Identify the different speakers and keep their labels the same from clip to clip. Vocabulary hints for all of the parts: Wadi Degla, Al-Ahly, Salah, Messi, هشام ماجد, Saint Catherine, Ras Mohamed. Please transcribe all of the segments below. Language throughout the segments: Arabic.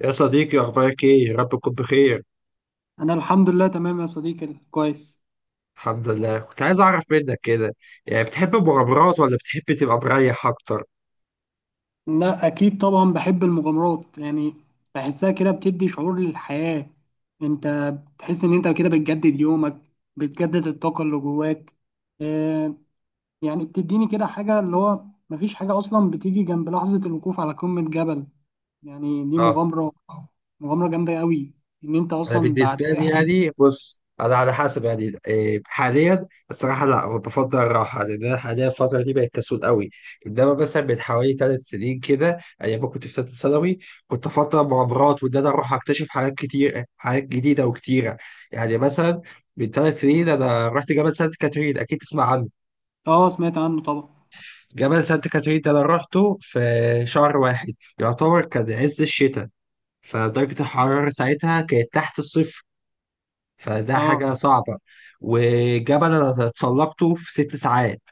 Speaker 1: يا صديقي أخبارك إيه؟ يا رب تكون بخير.
Speaker 2: انا الحمد لله تمام يا صديقي، كويس.
Speaker 1: الحمد لله. كنت عايز أعرف منك كده، يعني بتحب المغامرات ولا بتحب تبقى مريح أكتر؟
Speaker 2: لا، اكيد طبعا بحب المغامرات. يعني بحسها كده بتدي شعور للحياة. انت بتحس ان انت كده بتجدد يومك، بتجدد الطاقة اللي جواك. آه، يعني بتديني كده حاجة اللي هو مفيش حاجة اصلا بتيجي جنب لحظة الوقوف على قمة جبل. يعني دي
Speaker 1: أه.
Speaker 2: مغامرة، مغامرة جامدة قوي، ان انت
Speaker 1: أنا
Speaker 2: اصلا بعد
Speaker 1: بالنسبة لي
Speaker 2: رحلة.
Speaker 1: يعني بص، أنا على حسب يعني إيه، حاليا الصراحة لا بفضل الراحة، لأن أنا حاليا الفترة دي بقت كسول قوي. إنما مثلا من حوالي 3 سنين كده أيام ما كنت في ثالثة ثانوي كنت أفضل المغامرات وإن أنا أروح أكتشف حاجات كتير حاجات جديدة وكتيرة. يعني مثلا من 3 سنين أنا رحت جبل سانت كاترين، أكيد تسمع عنه.
Speaker 2: اه، سمعت عنه طبعا.
Speaker 1: جبل سانت كاترين ده انا روحته في شهر واحد، يعتبر كان عز الشتاء. فدرجة الحرارة ساعتها كانت تحت الصفر، فده
Speaker 2: اه.
Speaker 1: حاجة صعبة. وجبل انا اتسلقته في 6 ساعات،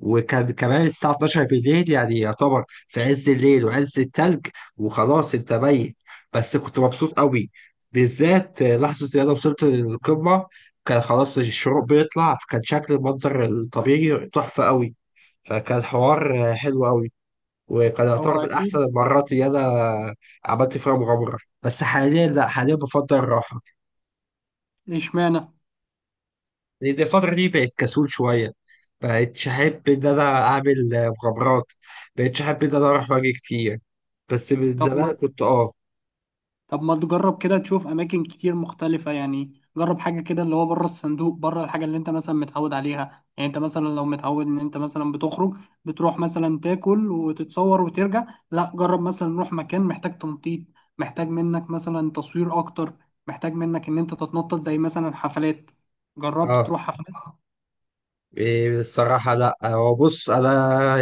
Speaker 1: وكان كمان الساعة 12 بالليل، يعني يعتبر في عز الليل وعز التلج. وخلاص انت ميت، بس كنت مبسوط قوي، بالذات لحظة ان انا وصلت للقمة. كان خلاص الشروق بيطلع، فكان شكل المنظر الطبيعي تحفة قوي، فكان حوار حلو قوي. وكان
Speaker 2: هو
Speaker 1: يعتبر من أحسن
Speaker 2: اكيد.
Speaker 1: المرات اللي أنا عملت فيها مغامرة. بس حاليا لأ، حاليا بفضل الراحة،
Speaker 2: اشمعنى.
Speaker 1: لأن الفترة دي بقت كسول شوية. بقتش أحب إن أنا أعمل مغامرات، بقتش أحب إن أنا أروح وأجي كتير. بس من
Speaker 2: طب
Speaker 1: زمان
Speaker 2: ما
Speaker 1: كنت أه
Speaker 2: طب ما تجرب كده تشوف اماكن كتير مختلفة. يعني جرب حاجة كده اللي هو بره الصندوق، بره الحاجة اللي انت مثلا متعود عليها. يعني انت مثلا لو متعود ان انت مثلا بتخرج، بتروح مثلا تاكل وتتصور وترجع. لا، جرب مثلا نروح مكان محتاج تنطيط، محتاج منك مثلا تصوير اكتر، محتاج منك ان انت تتنطط زي مثلا حفلات. جربت
Speaker 1: أه
Speaker 2: تروح حفلات؟
Speaker 1: إيه، الصراحة لأ، هو بص أنا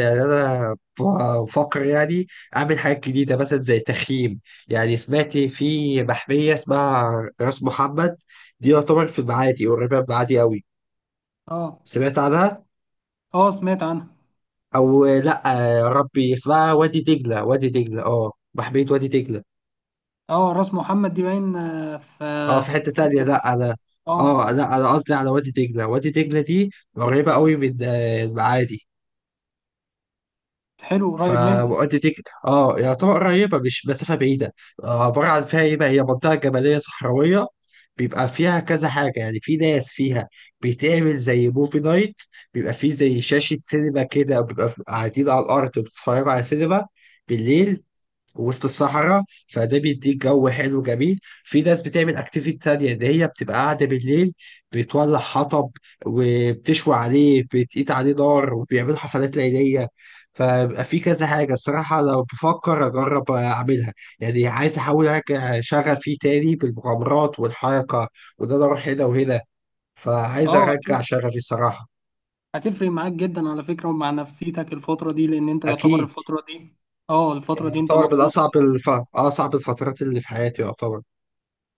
Speaker 1: يعني أنا بفكر يعني أعمل حاجات جديدة مثلا زي تخييم. يعني سمعت في محمية اسمها راس محمد، دي يعتبر في المعادي، قريبة من المعادي أوي.
Speaker 2: اه.
Speaker 1: سمعت عنها
Speaker 2: اه، سمعت عنها.
Speaker 1: او لا؟ يا ربي اسمها وادي دجله. وادي دجله اه بحبية وادي دجله.
Speaker 2: اه، راس محمد دي باين. في
Speaker 1: اه في حته
Speaker 2: سانت
Speaker 1: تانية لا
Speaker 2: كاترين.
Speaker 1: على،
Speaker 2: اه.
Speaker 1: اه لا انا قصدي على وادي دجله. وادي دجله دي قريبه قوي من المعادي.
Speaker 2: حلو، قريب منك.
Speaker 1: فوادي دجله اه يعتبر قريبه، مش مسافه بعيده. عباره عن فيها ايه بقى، هي منطقه جبليه صحراويه، بيبقى فيها كذا حاجه. يعني في ناس فيها بيتعمل زي موفي نايت، بيبقى فيه زي شاشه سينما كده، بيبقى قاعدين على الارض بتتفرجوا على سينما بالليل وسط الصحراء. فده بيديك جو حلو جميل. في ناس بتعمل اكتيفيتي تانية ان هي بتبقى قاعدة بالليل، بتولع حطب وبتشوي عليه، بتقيت عليه نار، وبيعملوا حفلات ليلية. فبقى في كذا حاجة الصراحة لو بفكر أجرب أعملها. يعني عايز أحاول أرجع شغفي تاني بالمغامرات والحركة، وده أنا أروح هنا وهنا، فعايز
Speaker 2: اه،
Speaker 1: أرجع
Speaker 2: اكيد.
Speaker 1: شغفي الصراحة.
Speaker 2: هتفرق معاك جدا على فكرة، ومع نفسيتك الفترة دي. لأن أنت يعتبر
Speaker 1: أكيد.
Speaker 2: الفترة دي، اه،
Speaker 1: يعني
Speaker 2: الفترة دي أنت
Speaker 1: يعتبر من
Speaker 2: مضغوط.
Speaker 1: أصعب الفترات اللي في حياتي يعتبر.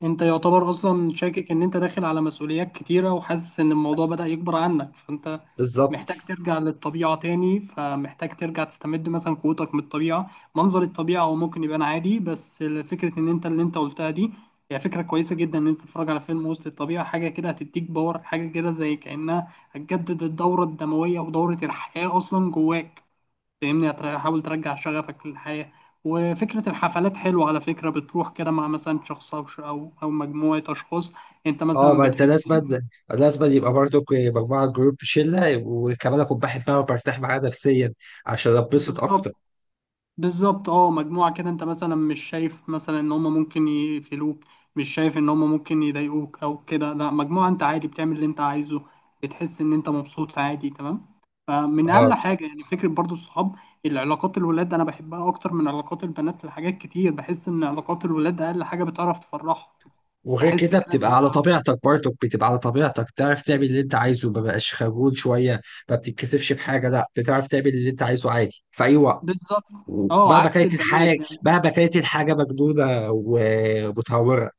Speaker 2: أنت يعتبر أصلا شاكك إن أنت داخل على مسؤوليات كتيرة وحاسس إن الموضوع بدأ يكبر عنك، فأنت
Speaker 1: بالظبط.
Speaker 2: محتاج ترجع للطبيعة تاني. فمحتاج ترجع تستمد مثلا قوتك من الطبيعة. منظر الطبيعة هو ممكن يبان عادي، بس فكرة إن أنت اللي أنت قلتها دي هي فكرة كويسة جدا. إن أنت تتفرج على فيلم وسط الطبيعة، حاجة كده هتديك باور، حاجة كده زي كأنها هتجدد الدورة الدموية ودورة الحياة أصلا جواك. فاهمني؟ حاول ترجع شغفك للحياة. وفكرة الحفلات حلوة على فكرة. بتروح كده مع مثلا شخص أو ش- أو أو مجموعة أشخاص. أنت
Speaker 1: اه
Speaker 2: مثلا
Speaker 1: ما انت
Speaker 2: بتحب.
Speaker 1: لازم، لازم يبقى برضك مجموعه جروب شله، وكمان اكون بحبها وبرتاح معاها نفسيا، عشان اتبسط
Speaker 2: بالظبط.
Speaker 1: اكتر.
Speaker 2: بالظبط، أه، مجموعة كده. أنت مثلا مش شايف مثلا إن هما ممكن يقفلوك، مش شايف إن هما ممكن يضايقوك أو كده. لا، مجموعة أنت عادي بتعمل اللي أنت عايزه، بتحس إن أنت مبسوط عادي تمام. فمن أقل
Speaker 1: اه.
Speaker 2: حاجة يعني فكرة برضو الصحاب، العلاقات. الولاد أنا بحبها أكتر من علاقات البنات لحاجات كتير. بحس إن علاقات الولاد أقل حاجة بتعرف تفرحها.
Speaker 1: وغير
Speaker 2: بحس
Speaker 1: كده
Speaker 2: كده ان
Speaker 1: بتبقى
Speaker 2: هي،
Speaker 1: على طبيعتك، برضك بتبقى على طبيعتك، تعرف تعمل اللي انت عايزه، ما بقاش خجول شويه، ما بتتكسفش بحاجه، لا بتعرف تعمل اللي انت عايزه عادي في اي وقت،
Speaker 2: بالظبط. اه،
Speaker 1: مهما
Speaker 2: عكس
Speaker 1: كانت الحاجه،
Speaker 2: البنات يعني.
Speaker 1: مهما كانت الحاجه مجنونه ومتهوره.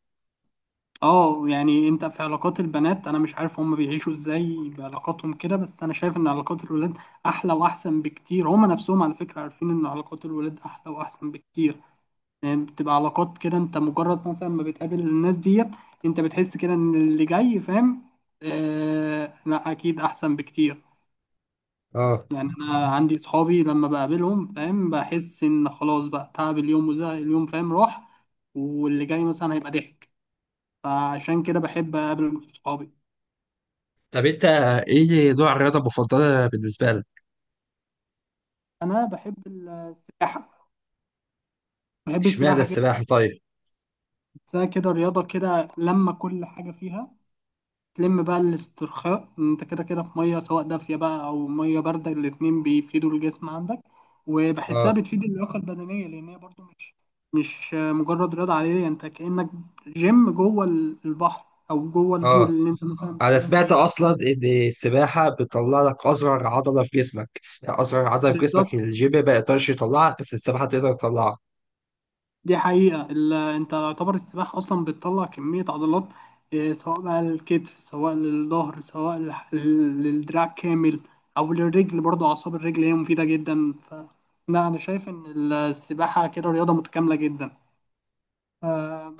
Speaker 2: اه، يعني انت في علاقات البنات انا مش عارف هم بيعيشوا ازاي بعلاقاتهم كده، بس انا شايف ان علاقات الولاد احلى واحسن بكتير. هم نفسهم على فكرة عارفين ان علاقات الولاد احلى واحسن بكتير. يعني بتبقى علاقات كده انت مجرد مثلا ما بتقابل الناس ديت، انت بتحس كده ان اللي جاي فاهم. آه، لا، اكيد احسن بكتير.
Speaker 1: اه.
Speaker 2: يعني انا عندي صحابي لما بقابلهم فاهم، بحس ان خلاص بقى تعب اليوم وزهق اليوم فاهم راح، واللي جاي مثلا هيبقى ضحك. فعشان كده بحب اقابل صحابي.
Speaker 1: طب انت ايه نوع الرياضه المفضله بالنسبه لك؟
Speaker 2: انا بحب السباحه، بحب
Speaker 1: اشمعنى
Speaker 2: السباحه جدا.
Speaker 1: السباحه طيب؟
Speaker 2: بحسها كده رياضه كده لما كل حاجه فيها تلم بقى الاسترخاء. إن انت كده كده في ميه، سواء دافيه بقى او ميه بارده، الاتنين بيفيدوا الجسم عندك.
Speaker 1: اه.
Speaker 2: وبحسها بتفيد اللياقه البدنيه، لان هي برضو مش مجرد رياضه عاديه. يعني انت كانك جيم جوه البحر، او جوه
Speaker 1: اه
Speaker 2: البول اللي انت مثلا
Speaker 1: انا
Speaker 2: بتعوم
Speaker 1: سمعت
Speaker 2: فيه.
Speaker 1: اصلا ان السباحه بتطلع لك اصغر عضله في جسمك، يعني اصغر عضله في
Speaker 2: بالظبط.
Speaker 1: جسمك الجيم ما يقدرش يطلعها، بس السباحه تقدر تطلعها.
Speaker 2: دي حقيقة. انت يعتبر السباحة اصلا بتطلع كمية عضلات، سواء بقى للكتف، سواء للظهر، سواء للدراع كامل، او للرجل. برضو اعصاب الرجل هي مفيدة جدا ف، لا، انا شايف ان السباحة كده رياضة متكاملة جدا. ف،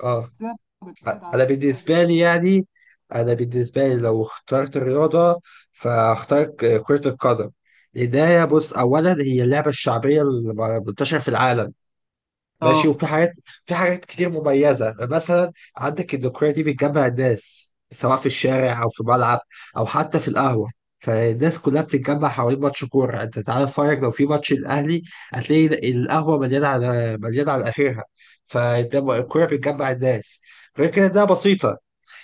Speaker 1: اه.
Speaker 2: بتساعد على
Speaker 1: انا
Speaker 2: التوازن.
Speaker 1: بالنسبه لي يعني، انا بالنسبه لي لو اخترت الرياضه فاختار كره القدم. لأنها بص، اولا هي اللعبه الشعبيه المنتشره في العالم، ماشي.
Speaker 2: اه.
Speaker 1: وفي حاجات، في حاجات كتير مميزة. مثلا عندك الذكرية دي بتجمع الناس، سواء في الشارع أو في ملعب أو حتى في القهوة، فالناس كلها بتتجمع حوالين ماتش كورة. أنت تعالى اتفرج لو في ماتش الأهلي، هتلاقي القهوة مليانة على مليانة على آخرها، فالكورة بتجمع الناس. غير كده ده بسيطة،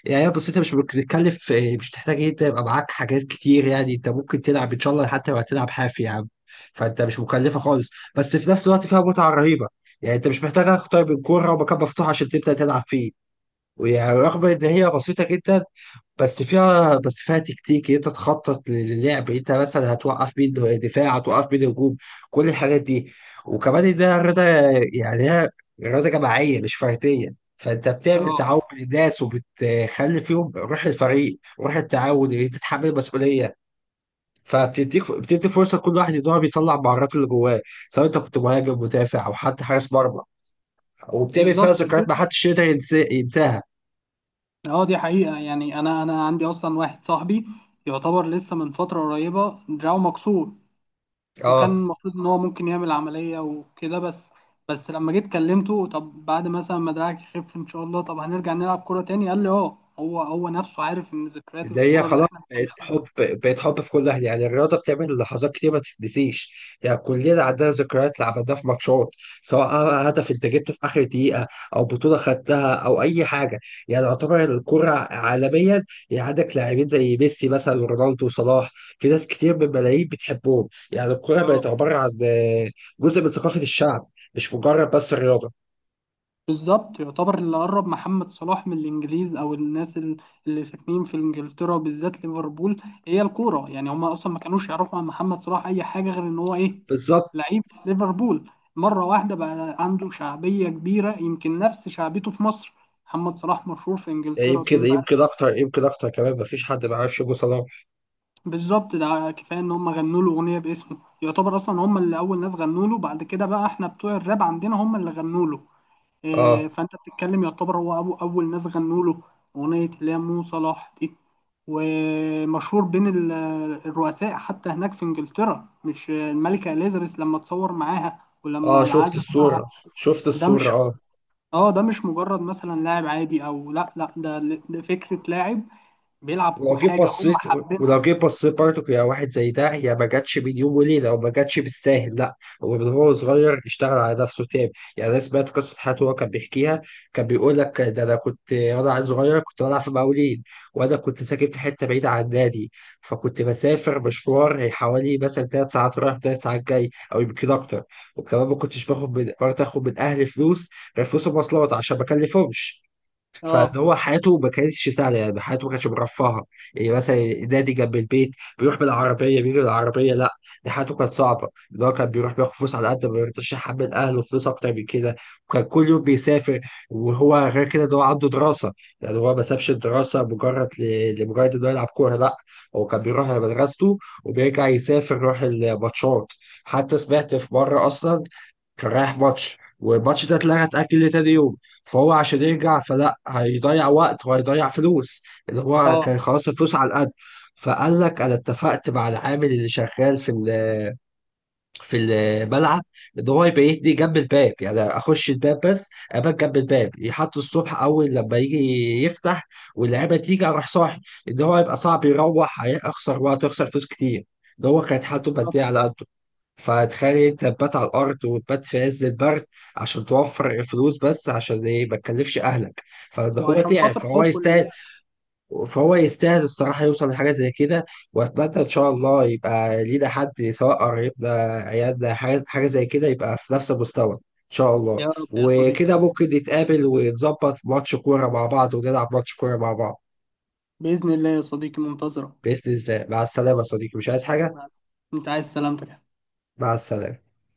Speaker 1: يعني بس انت مش بتتكلف، مش تحتاج إيه، انت يبقى معاك حاجات كتير، يعني انت ممكن تلعب ان شاء الله حتى لو هتلعب حافي يا عم، فانت مش مكلفه خالص. بس في نفس الوقت فيها متعه رهيبه، يعني انت مش محتاج اكتر من كوره ومكان مفتوح عشان تبدا تلعب فيه. ورغم ان هي بسيطه جدا، بس فيها تكتيك، إيه، انت تخطط للعب، انت مثلا هتوقف مين دفاع، هتوقف مين هجوم، كل الحاجات دي. وكمان ده رياضه، يعني هي رياضه جماعيه مش فرديه، فانت بتعمل
Speaker 2: اه،
Speaker 1: تعاون بين الناس، وبتخلي فيهم روح الفريق، روح التعاون، إيه، انت تتحمل مسؤوليه. بتدي فرصه لكل واحد ان هو بيطلع مهاراته اللي جواه، سواء انت كنت مهاجم، مدافع، او حتى حارس مرمى. وبتعمل فيها
Speaker 2: بالظبط. ودي،
Speaker 1: ذكريات ما حدش يقدر ينساها.
Speaker 2: اه، دي حقيقة. يعني انا عندي اصلا واحد صاحبي يعتبر لسه من فترة قريبة دراعه مكسور. وكان
Speaker 1: اه.
Speaker 2: المفروض ان هو ممكن يعمل عملية وكده، بس لما جيت كلمته، طب بعد مثلا ما دراعك يخف ان شاء الله طب هنرجع نلعب كورة تاني، قال لي اه. هو نفسه عارف ان ذكريات
Speaker 1: ده هي
Speaker 2: الكورة اللي
Speaker 1: خلاص
Speaker 2: احنا
Speaker 1: بقت
Speaker 2: بنعملها،
Speaker 1: حب بقت حب في كل اهلي، يعني الرياضه بتعمل لحظات كتير ما تتنسيش. يعني كلنا عندنا ذكريات اللي عملناها في ماتشات، سواء هدف انت جبته في اخر دقيقه، او بطوله خدتها، او اي حاجه. يعني يعتبر الكره عالميا، يعني عندك لاعبين زي ميسي مثلا ورونالدو وصلاح، في ناس كتير من الملايين بتحبهم. يعني الكره بقت عباره عن جزء من ثقافه الشعب، مش مجرد بس الرياضه.
Speaker 2: بالظبط. يعتبر اللي قرب محمد صلاح من الانجليز او الناس اللي ساكنين في انجلترا، بالذات ليفربول، هي الكوره. يعني هم اصلا ما كانوش يعرفوا عن محمد صلاح اي حاجه غير ان هو ايه،
Speaker 1: بالظبط.
Speaker 2: لعيب في ليفربول. مره واحده بقى عنده شعبيه كبيره، يمكن نفس شعبيته في مصر. محمد صلاح مشهور في انجلترا
Speaker 1: يمكن
Speaker 2: بين بقى.
Speaker 1: يمكن اكتر يمكن اكتر كمان، مفيش حد ما يعرفش ابو صلاح.
Speaker 2: بالظبط، ده كفايه ان هم غنوا له اغنيه باسمه. يعتبر اصلا هم اللي اول ناس غنوا له، بعد كده بقى احنا بتوع الراب عندنا هم اللي غنوا له.
Speaker 1: اه.
Speaker 2: فانت بتتكلم يعتبر هو أبو اول ناس غنوا له اغنيه اللي هي مو صلاح دي. ومشهور بين الرؤساء حتى هناك في انجلترا. مش الملكه اليزابيث لما تصور معاها، ولما
Speaker 1: اه شفت
Speaker 2: العزاء بتاعها.
Speaker 1: الصورة شفت
Speaker 2: ده
Speaker 1: الصورة
Speaker 2: مش،
Speaker 1: اه.
Speaker 2: اه، ده مش مجرد مثلا لاعب عادي او، لا لا، ده، ده فكره لاعب بيلعب
Speaker 1: ولو جيت
Speaker 2: حاجه هم
Speaker 1: بصيت ولو
Speaker 2: حابينها.
Speaker 1: جيت بصيت برضك، يا واحد زي ده، يا ما جاتش بين يوم وليلة، وما جاتش بالساهل، لا. هو صغير اشتغل على نفسه تاني. يعني أنا سمعت قصة حياته، هو كان بيحكيها. كان بيقول لك ده أنا كنت وأنا عيل صغير كنت بلعب في مقاولين، وأنا كنت ساكن في حتة بعيدة عن النادي، فكنت بسافر مشوار حوالي مثلا 3 ساعات رايح 3 ساعات جاي، أو يمكن أكتر. وكمان ما كنتش باخد من برضه آخد من أهلي فلوس، غير فلوس المواصلات عشان ما أكلفهمش.
Speaker 2: اه.
Speaker 1: فاللي هو حياته ما كانتش سهله، يعني حياته ما كانتش مرفهه. يعني مثلا النادي جنب البيت، بيروح بالعربيه بيجي بالعربيه، لا. دي حياته كانت صعبه، اللي هو كان بيروح بياخد فلوس على قد ما يرضاش يحمل اهله فلوس اكتر من كده. وكان كل يوم بيسافر. وهو غير كده ده هو عنده دراسه، يعني هو ما سابش الدراسه مجرد لمجرد انه يلعب كوره، لا. هو كان بيروح على مدرسته وبيرجع يسافر يروح الماتشات. حتى سمعت في مره اصلا كان رايح ماتش، والماتش ده اتلغى اتأجل لتاني يوم، فهو عشان يرجع فلا هيضيع وقت وهيضيع فلوس، اللي هو
Speaker 2: اه،
Speaker 1: كان خلاص الفلوس على القد. فقال لك انا اتفقت مع العامل اللي شغال في في الملعب، ان هو يبيتني جنب الباب، يعني اخش الباب بس ابات جنب الباب، يحط الصبح اول لما يجي يفتح واللعيبه تيجي اروح صاحي. ان هو يبقى صعب يروح، هيخسر وقت ويخسر فلوس كتير، ده هو كانت حالته
Speaker 2: بالظبط.
Speaker 1: الماديه على قده. فتخيل انت تبات على الارض وتبات في عز البرد، عشان توفر فلوس، بس عشان ايه، ما تكلفش اهلك. فده هو
Speaker 2: وعشان
Speaker 1: تعب
Speaker 2: خاطر
Speaker 1: فهو
Speaker 2: حبه
Speaker 1: يستاهل.
Speaker 2: للعب.
Speaker 1: فهو يستاهل الصراحه يوصل لحاجه زي كده. واتمنى ان شاء الله يبقى لينا حد، سواء قريبنا، عيالنا، حاجة زي كده، يبقى في نفس المستوى ان شاء الله،
Speaker 2: يا رب يا صديقي.
Speaker 1: وكده ممكن نتقابل ونظبط ماتش كوره مع بعض، ونلعب ماتش كوره مع بعض.
Speaker 2: باذن الله يا صديقي، منتظرك.
Speaker 1: باذن الله. مع السلامه يا صديقي، مش عايز حاجه.
Speaker 2: انت عايز سلامتك.
Speaker 1: مع السلامه.